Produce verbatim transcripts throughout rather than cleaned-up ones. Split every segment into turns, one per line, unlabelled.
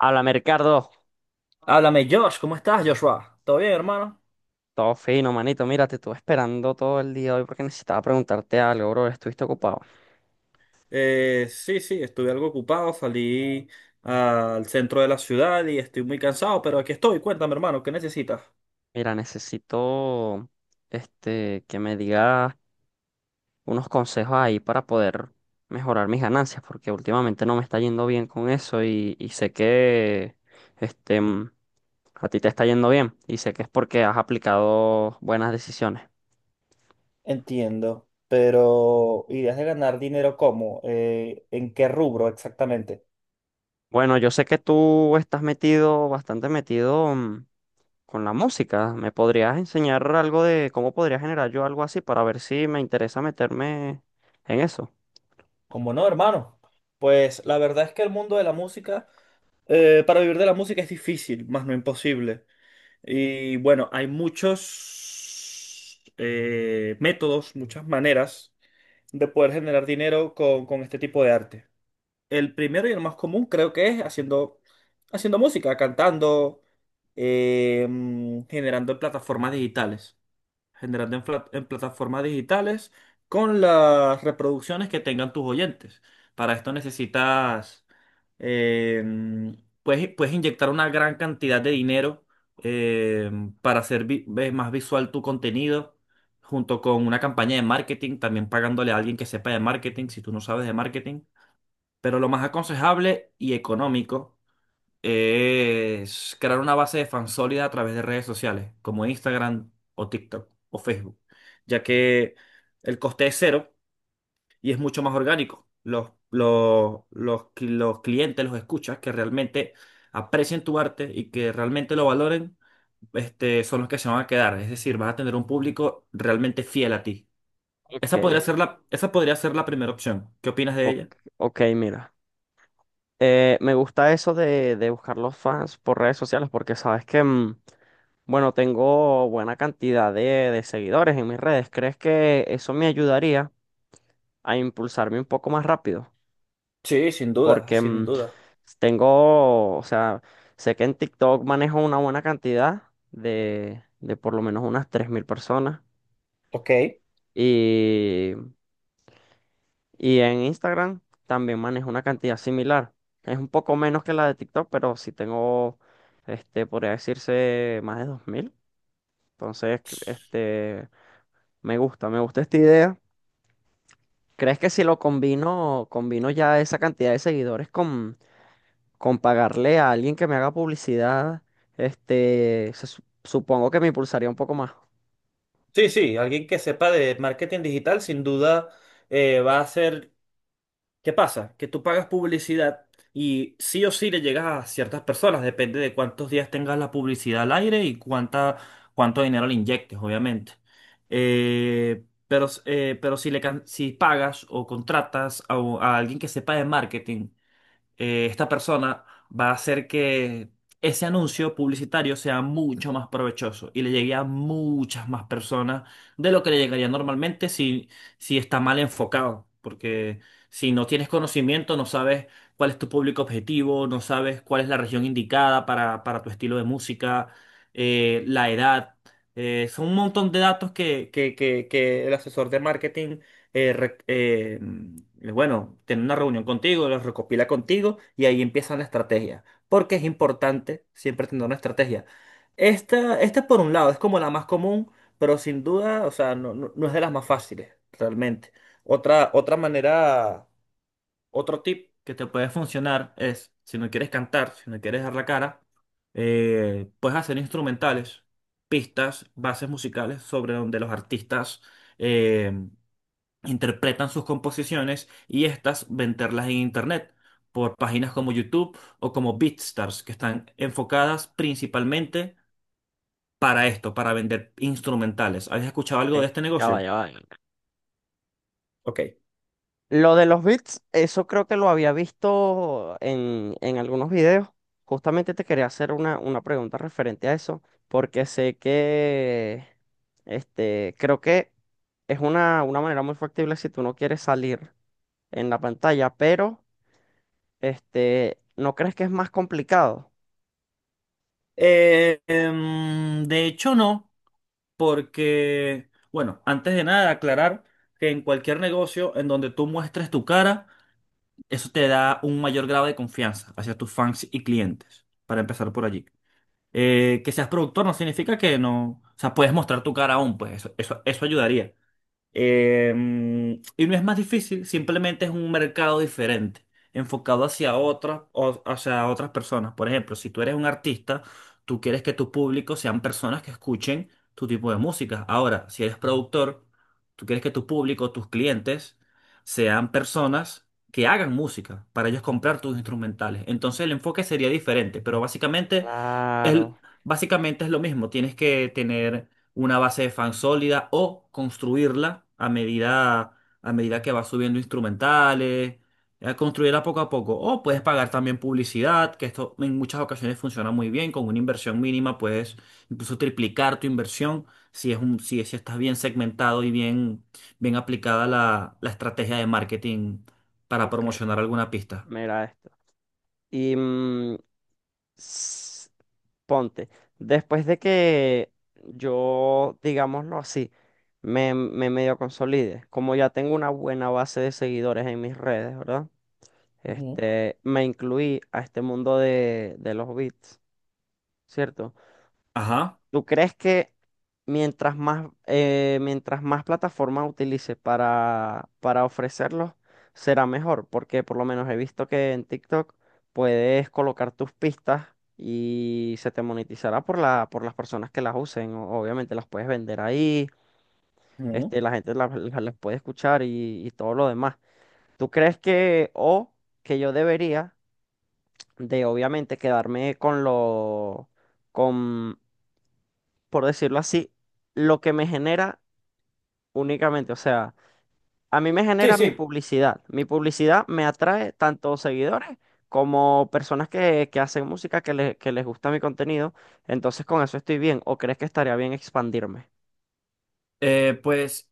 Habla Mercado.
Háblame, Josh, ¿cómo estás, Joshua? ¿Todo bien, hermano?
Todo fino, manito. Mira, te estuve esperando todo el día hoy porque necesitaba preguntarte algo, bro. Estuviste ocupado.
Eh, sí, sí, estuve algo ocupado, salí al centro de la ciudad y estoy muy cansado, pero aquí estoy. Cuéntame, hermano, ¿qué necesitas?
Mira, necesito este, que me digas unos consejos ahí para poder mejorar mis ganancias, porque últimamente no me está yendo bien con eso y, y sé que este, mm, a ti te está yendo bien y sé que es porque has aplicado buenas decisiones.
Entiendo, pero ¿ideas de ganar dinero cómo? Eh, ¿en qué rubro exactamente?
Bueno, yo sé que tú estás metido, bastante metido. mm, Con la música, ¿me podrías enseñar algo de cómo podría generar yo algo así para ver si me interesa meterme en eso?
¿Cómo no, hermano? Pues la verdad es que el mundo de la música, eh, para vivir de la música es difícil, más no imposible. Y bueno, hay muchos eh, métodos, muchas maneras de poder generar dinero con, con este tipo de arte. El primero y el más común creo que es haciendo, haciendo música, cantando, eh, mm, generando plataformas digitales, generando en, pla- en plataformas digitales con las reproducciones que tengan tus oyentes. Para esto necesitas, eh, puedes, puedes inyectar una gran cantidad de dinero eh, para hacer vi- ve- más visual tu contenido, junto con una campaña de marketing, también pagándole a alguien que sepa de marketing, si tú no sabes de marketing. Pero lo más aconsejable y económico es crear una base de fans sólida a través de redes sociales, como Instagram o TikTok o Facebook, ya que el coste es cero y es mucho más orgánico. Los, los, los, cli- los clientes, los escuchas que realmente aprecien tu arte y que realmente lo valoren, este, son los que se van a quedar. Es decir, vas a tener un público realmente fiel a ti. Esa
Ok,
podría ser la, esa podría ser la primera opción. ¿Qué opinas de
ok,
ella?
ok, mira. Eh, me gusta eso de, de buscar los fans por redes sociales porque sabes que, mm, bueno, tengo buena cantidad de, de seguidores en mis redes. ¿Crees que eso me ayudaría a impulsarme un poco más rápido?
Sí, sin duda,
Porque
sin
mm,
duda.
tengo, o sea, sé que en TikTok manejo una buena cantidad de, de por lo menos unas tres mil personas.
Ok.
Y, y en Instagram también manejo una cantidad similar. Es un poco menos que la de TikTok, pero sí tengo, este, podría decirse más de dos mil. Entonces, cre- este, me gusta, me gusta esta idea. ¿Crees que si lo combino, combino ya esa cantidad de seguidores con pagarle a alguien que me haga publicidad, este, se su- supongo que me impulsaría un poco más?
Sí, sí, alguien que sepa de marketing digital sin duda eh, va a ser... ¿Qué pasa? Que tú pagas publicidad y sí o sí le llegas a ciertas personas, depende de cuántos días tengas la publicidad al aire y cuánta, cuánto dinero le inyectes, obviamente. Eh, pero, eh, pero si le, can- si pagas o contratas a, a alguien que sepa de marketing, eh, esta persona va a hacer que ese anuncio publicitario sea mucho más provechoso y le llegue a muchas más personas de lo que le llegaría normalmente si, si está mal enfocado. Porque si no tienes conocimiento, no sabes cuál es tu público objetivo, no sabes cuál es la región indicada para, para tu estilo de música, eh, la edad. Eh, son un montón de datos que, que, que, que el asesor de marketing eh, re- eh, mm, bueno, tener una reunión contigo, los recopila contigo y ahí empieza la estrategia. Porque es importante siempre tener una estrategia. Esta, esta por un lado es como la más común, pero sin duda, o sea, no, no- no es de las más fáciles, realmente. Otra, otra manera, otro tip que te puede funcionar es, si no quieres cantar, si no quieres dar la cara, eh, puedes hacer instrumentales, pistas, bases musicales sobre donde los artistas eh, interpretan sus composiciones y estas venderlas en internet por páginas como YouTube o como BeatStars, que están enfocadas principalmente para esto, para vender instrumentales. ¿Habéis escuchado algo de
Ok,
este
ya va,
negocio?
ya va.
Ok.
Lo de los bits, eso creo que lo había visto en, en algunos videos. Justamente te quería hacer una, una pregunta referente a eso, porque sé que, este, creo que es una, una manera muy factible si tú no quieres salir en la pantalla, pero, este, ¿no crees que es más complicado?
Eh, em, de hecho, no, porque, bueno, antes de nada, aclarar que en cualquier negocio en donde tú muestres tu cara, eso te da un mayor grado de confianza hacia tus fans y clientes, para empezar por allí. Eh, que seas productor no significa que no, o sea, puedes mostrar tu cara aún, pues eso, eso, eso ayudaría. Eh, y no es más difícil, simplemente es un mercado diferente, enfocado hacia otras, o- hacia otras personas. Por ejemplo, si tú eres un artista, tú quieres que tu público sean personas que escuchen tu tipo de música. Ahora, si eres productor, tú quieres que tu público, tus clientes, sean personas que hagan música para ellos comprar tus instrumentales. Entonces el enfoque sería diferente, pero básicamente
Claro.
el, básicamente es lo mismo, tienes que tener una base de fans sólida o construirla a medida, a medida que vas subiendo instrumentales, eh, construirla poco a poco. O puedes pagar también publicidad, que esto en muchas ocasiones funciona muy bien, con una inversión mínima puedes incluso triplicar tu inversión si es un, si, si estás bien segmentado y bien, bien aplicada la, la estrategia de marketing para
Ok.
promocionar alguna pista.
Mira, este. Y mm, s- ponte, después de que yo, digámoslo así, me, me medio consolide, como ya tengo una buena base de seguidores en mis redes, ¿verdad?
Ujú.
Este, me incluí a este mundo de, de los beats, ¿cierto?
Ajá.
¿Tú crees que mientras más, eh, mientras más plataforma utilice para, para ofrecerlos, será mejor? Porque por lo menos he visto que en TikTok puedes colocar tus pistas y se te monetizará por la, por las personas que las usen. O- Obviamente las puedes vender ahí,
Ujú.
este, la gente las, las- las puede escuchar y, y todo lo demás. ¿Tú crees que, o que yo debería de obviamente quedarme con lo, por decirlo así, lo que me genera únicamente? O sea, a mí me
Sí,
genera mi
sí.
publicidad. Mi publicidad me atrae tanto seguidores como personas que, que hacen música, que, le- que les gusta mi contenido. Entonces con eso estoy bien. ¿O crees que estaría bien expandirme?
Eh, pues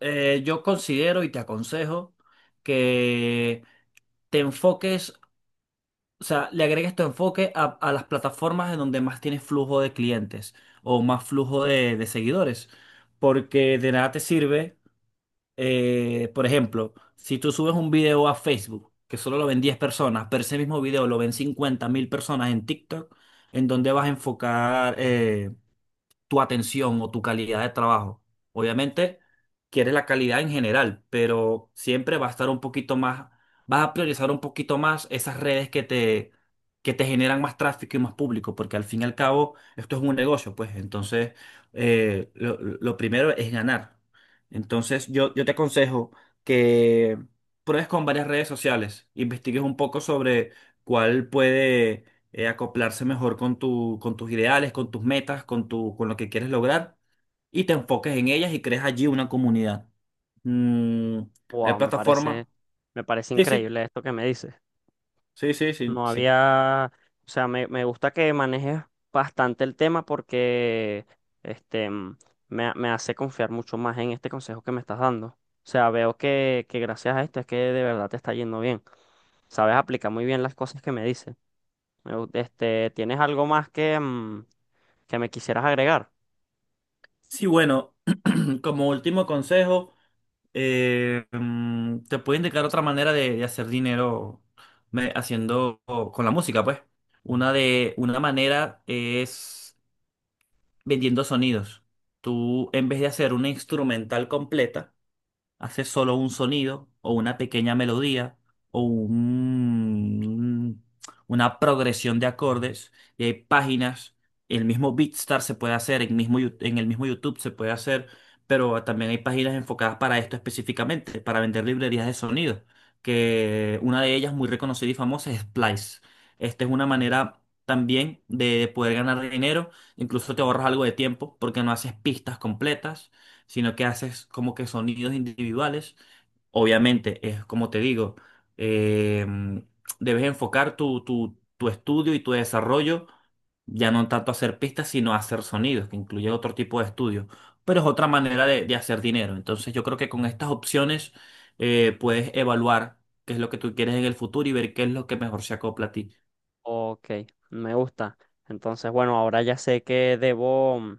eh, yo considero y te aconsejo que te enfoques, o sea, le agregues tu enfoque a, a las plataformas en donde más tienes flujo de clientes o más flujo de, de seguidores, porque de nada te sirve, eh, por ejemplo, si tú subes un video a Facebook, que solo lo ven diez personas, pero ese mismo video lo ven cincuenta mil personas en TikTok, ¿en donde vas a enfocar? Eh, tu atención o tu calidad de trabajo. Obviamente, quieres la calidad en general, pero siempre va a estar un poquito más, vas a priorizar un poquito más esas redes que te, que te generan más tráfico y más público, porque al fin y al cabo esto es un negocio, pues entonces eh, lo, lo primero es ganar. Entonces yo, yo te aconsejo que pruebes con varias redes sociales, investigues un poco sobre cuál puede eh, acoplarse mejor con tu, con tus ideales, con tus metas, con tu, con lo que quieres lograr y te enfoques en ellas y crees allí una comunidad. Mm, hay
Wow, me parece,
plataformas.
me parece
Sí, sí,
increíble esto que me dices.
sí, sí, sí,
No
sí.
había, o sea, me, me gusta que manejes bastante el tema porque este mm, me, ha- me hace confiar mucho más en este consejo que me estás dando. O sea, veo que, que gracias a esto es que de verdad te está yendo bien. Sabes aplicar muy bien las cosas que me dices. Me gu- Este, ¿tienes algo más que, mm, que me quisieras agregar?
Sí, bueno, como último consejo, eh, mm, te puedo indicar otra manera de, de hacer dinero me- haciendo con la música, pues. Una de, una manera es vendiendo sonidos. Tú, en vez de hacer una instrumental completa, hace solo un sonido o una pequeña melodía o un- una progresión de acordes y hay páginas, el mismo Beatstar se puede hacer, en, mismo, Yu- en el mismo YouTube se puede hacer, pero también hay páginas enfocadas para esto específicamente, para vender librerías de sonido, que una de ellas muy reconocida y famosa es Splice. Esta es una manera también de poder ganar dinero, incluso te ahorras algo de tiempo porque no haces pistas completas sino que haces como que sonidos individuales. Obviamente, es como te digo, eh, debes enfocar tu, tu, tu estudio y tu desarrollo ya no tanto a hacer pistas, sino a hacer sonidos, que incluye otro tipo de estudios. Pero es otra manera de, de hacer dinero. Entonces yo creo que con estas opciones eh, puedes evaluar qué es lo que tú quieres en el futuro y ver qué es lo que mejor se acopla a ti.
Ok, me gusta. Entonces, bueno, ahora ya sé que debo, mm,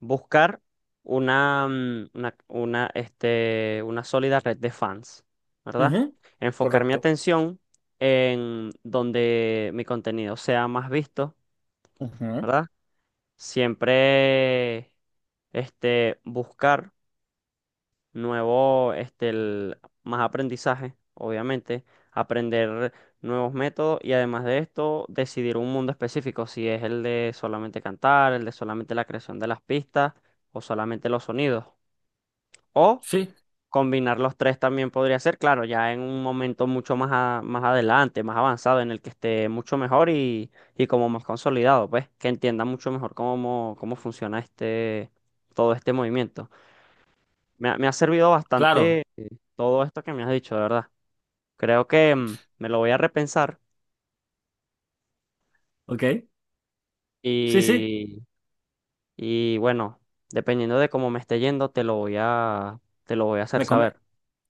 buscar una, mm, una, una, este, una sólida red de fans, ¿verdad?
Ujú.
Enfocar mi
Correcto.
atención en donde mi contenido sea más visto,
Ujú.
¿verdad? Siempre este, buscar nuevo, este, el- más aprendizaje, obviamente, aprender nuevos métodos y además de esto, decidir un mundo específico, si es el de solamente cantar, el de solamente la creación de las pistas o solamente los sonidos. O
Sí,
combinar los tres también podría ser, claro, ya en un momento mucho más, a- más adelante, más avanzado, en el que esté mucho mejor y, y como más consolidado, pues, que entienda mucho mejor cómo, cómo funciona este, todo este movimiento. Me, ha me ha servido bastante,
claro.
eh, todo esto que me has dicho, de verdad. Creo que, mm, me lo voy a repensar
Ok. Sí, sí.
y, y bueno, dependiendo de cómo me esté yendo, te lo voy a, te lo voy a hacer
Me come.
saber.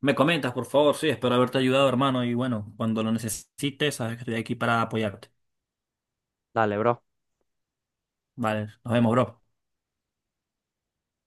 Me comentas, por favor, sí, espero haberte ayudado, hermano, y bueno, cuando lo necesites, sabes que estoy aquí para apoyarte.
Dale, bro.
Vale, nos vemos, bro.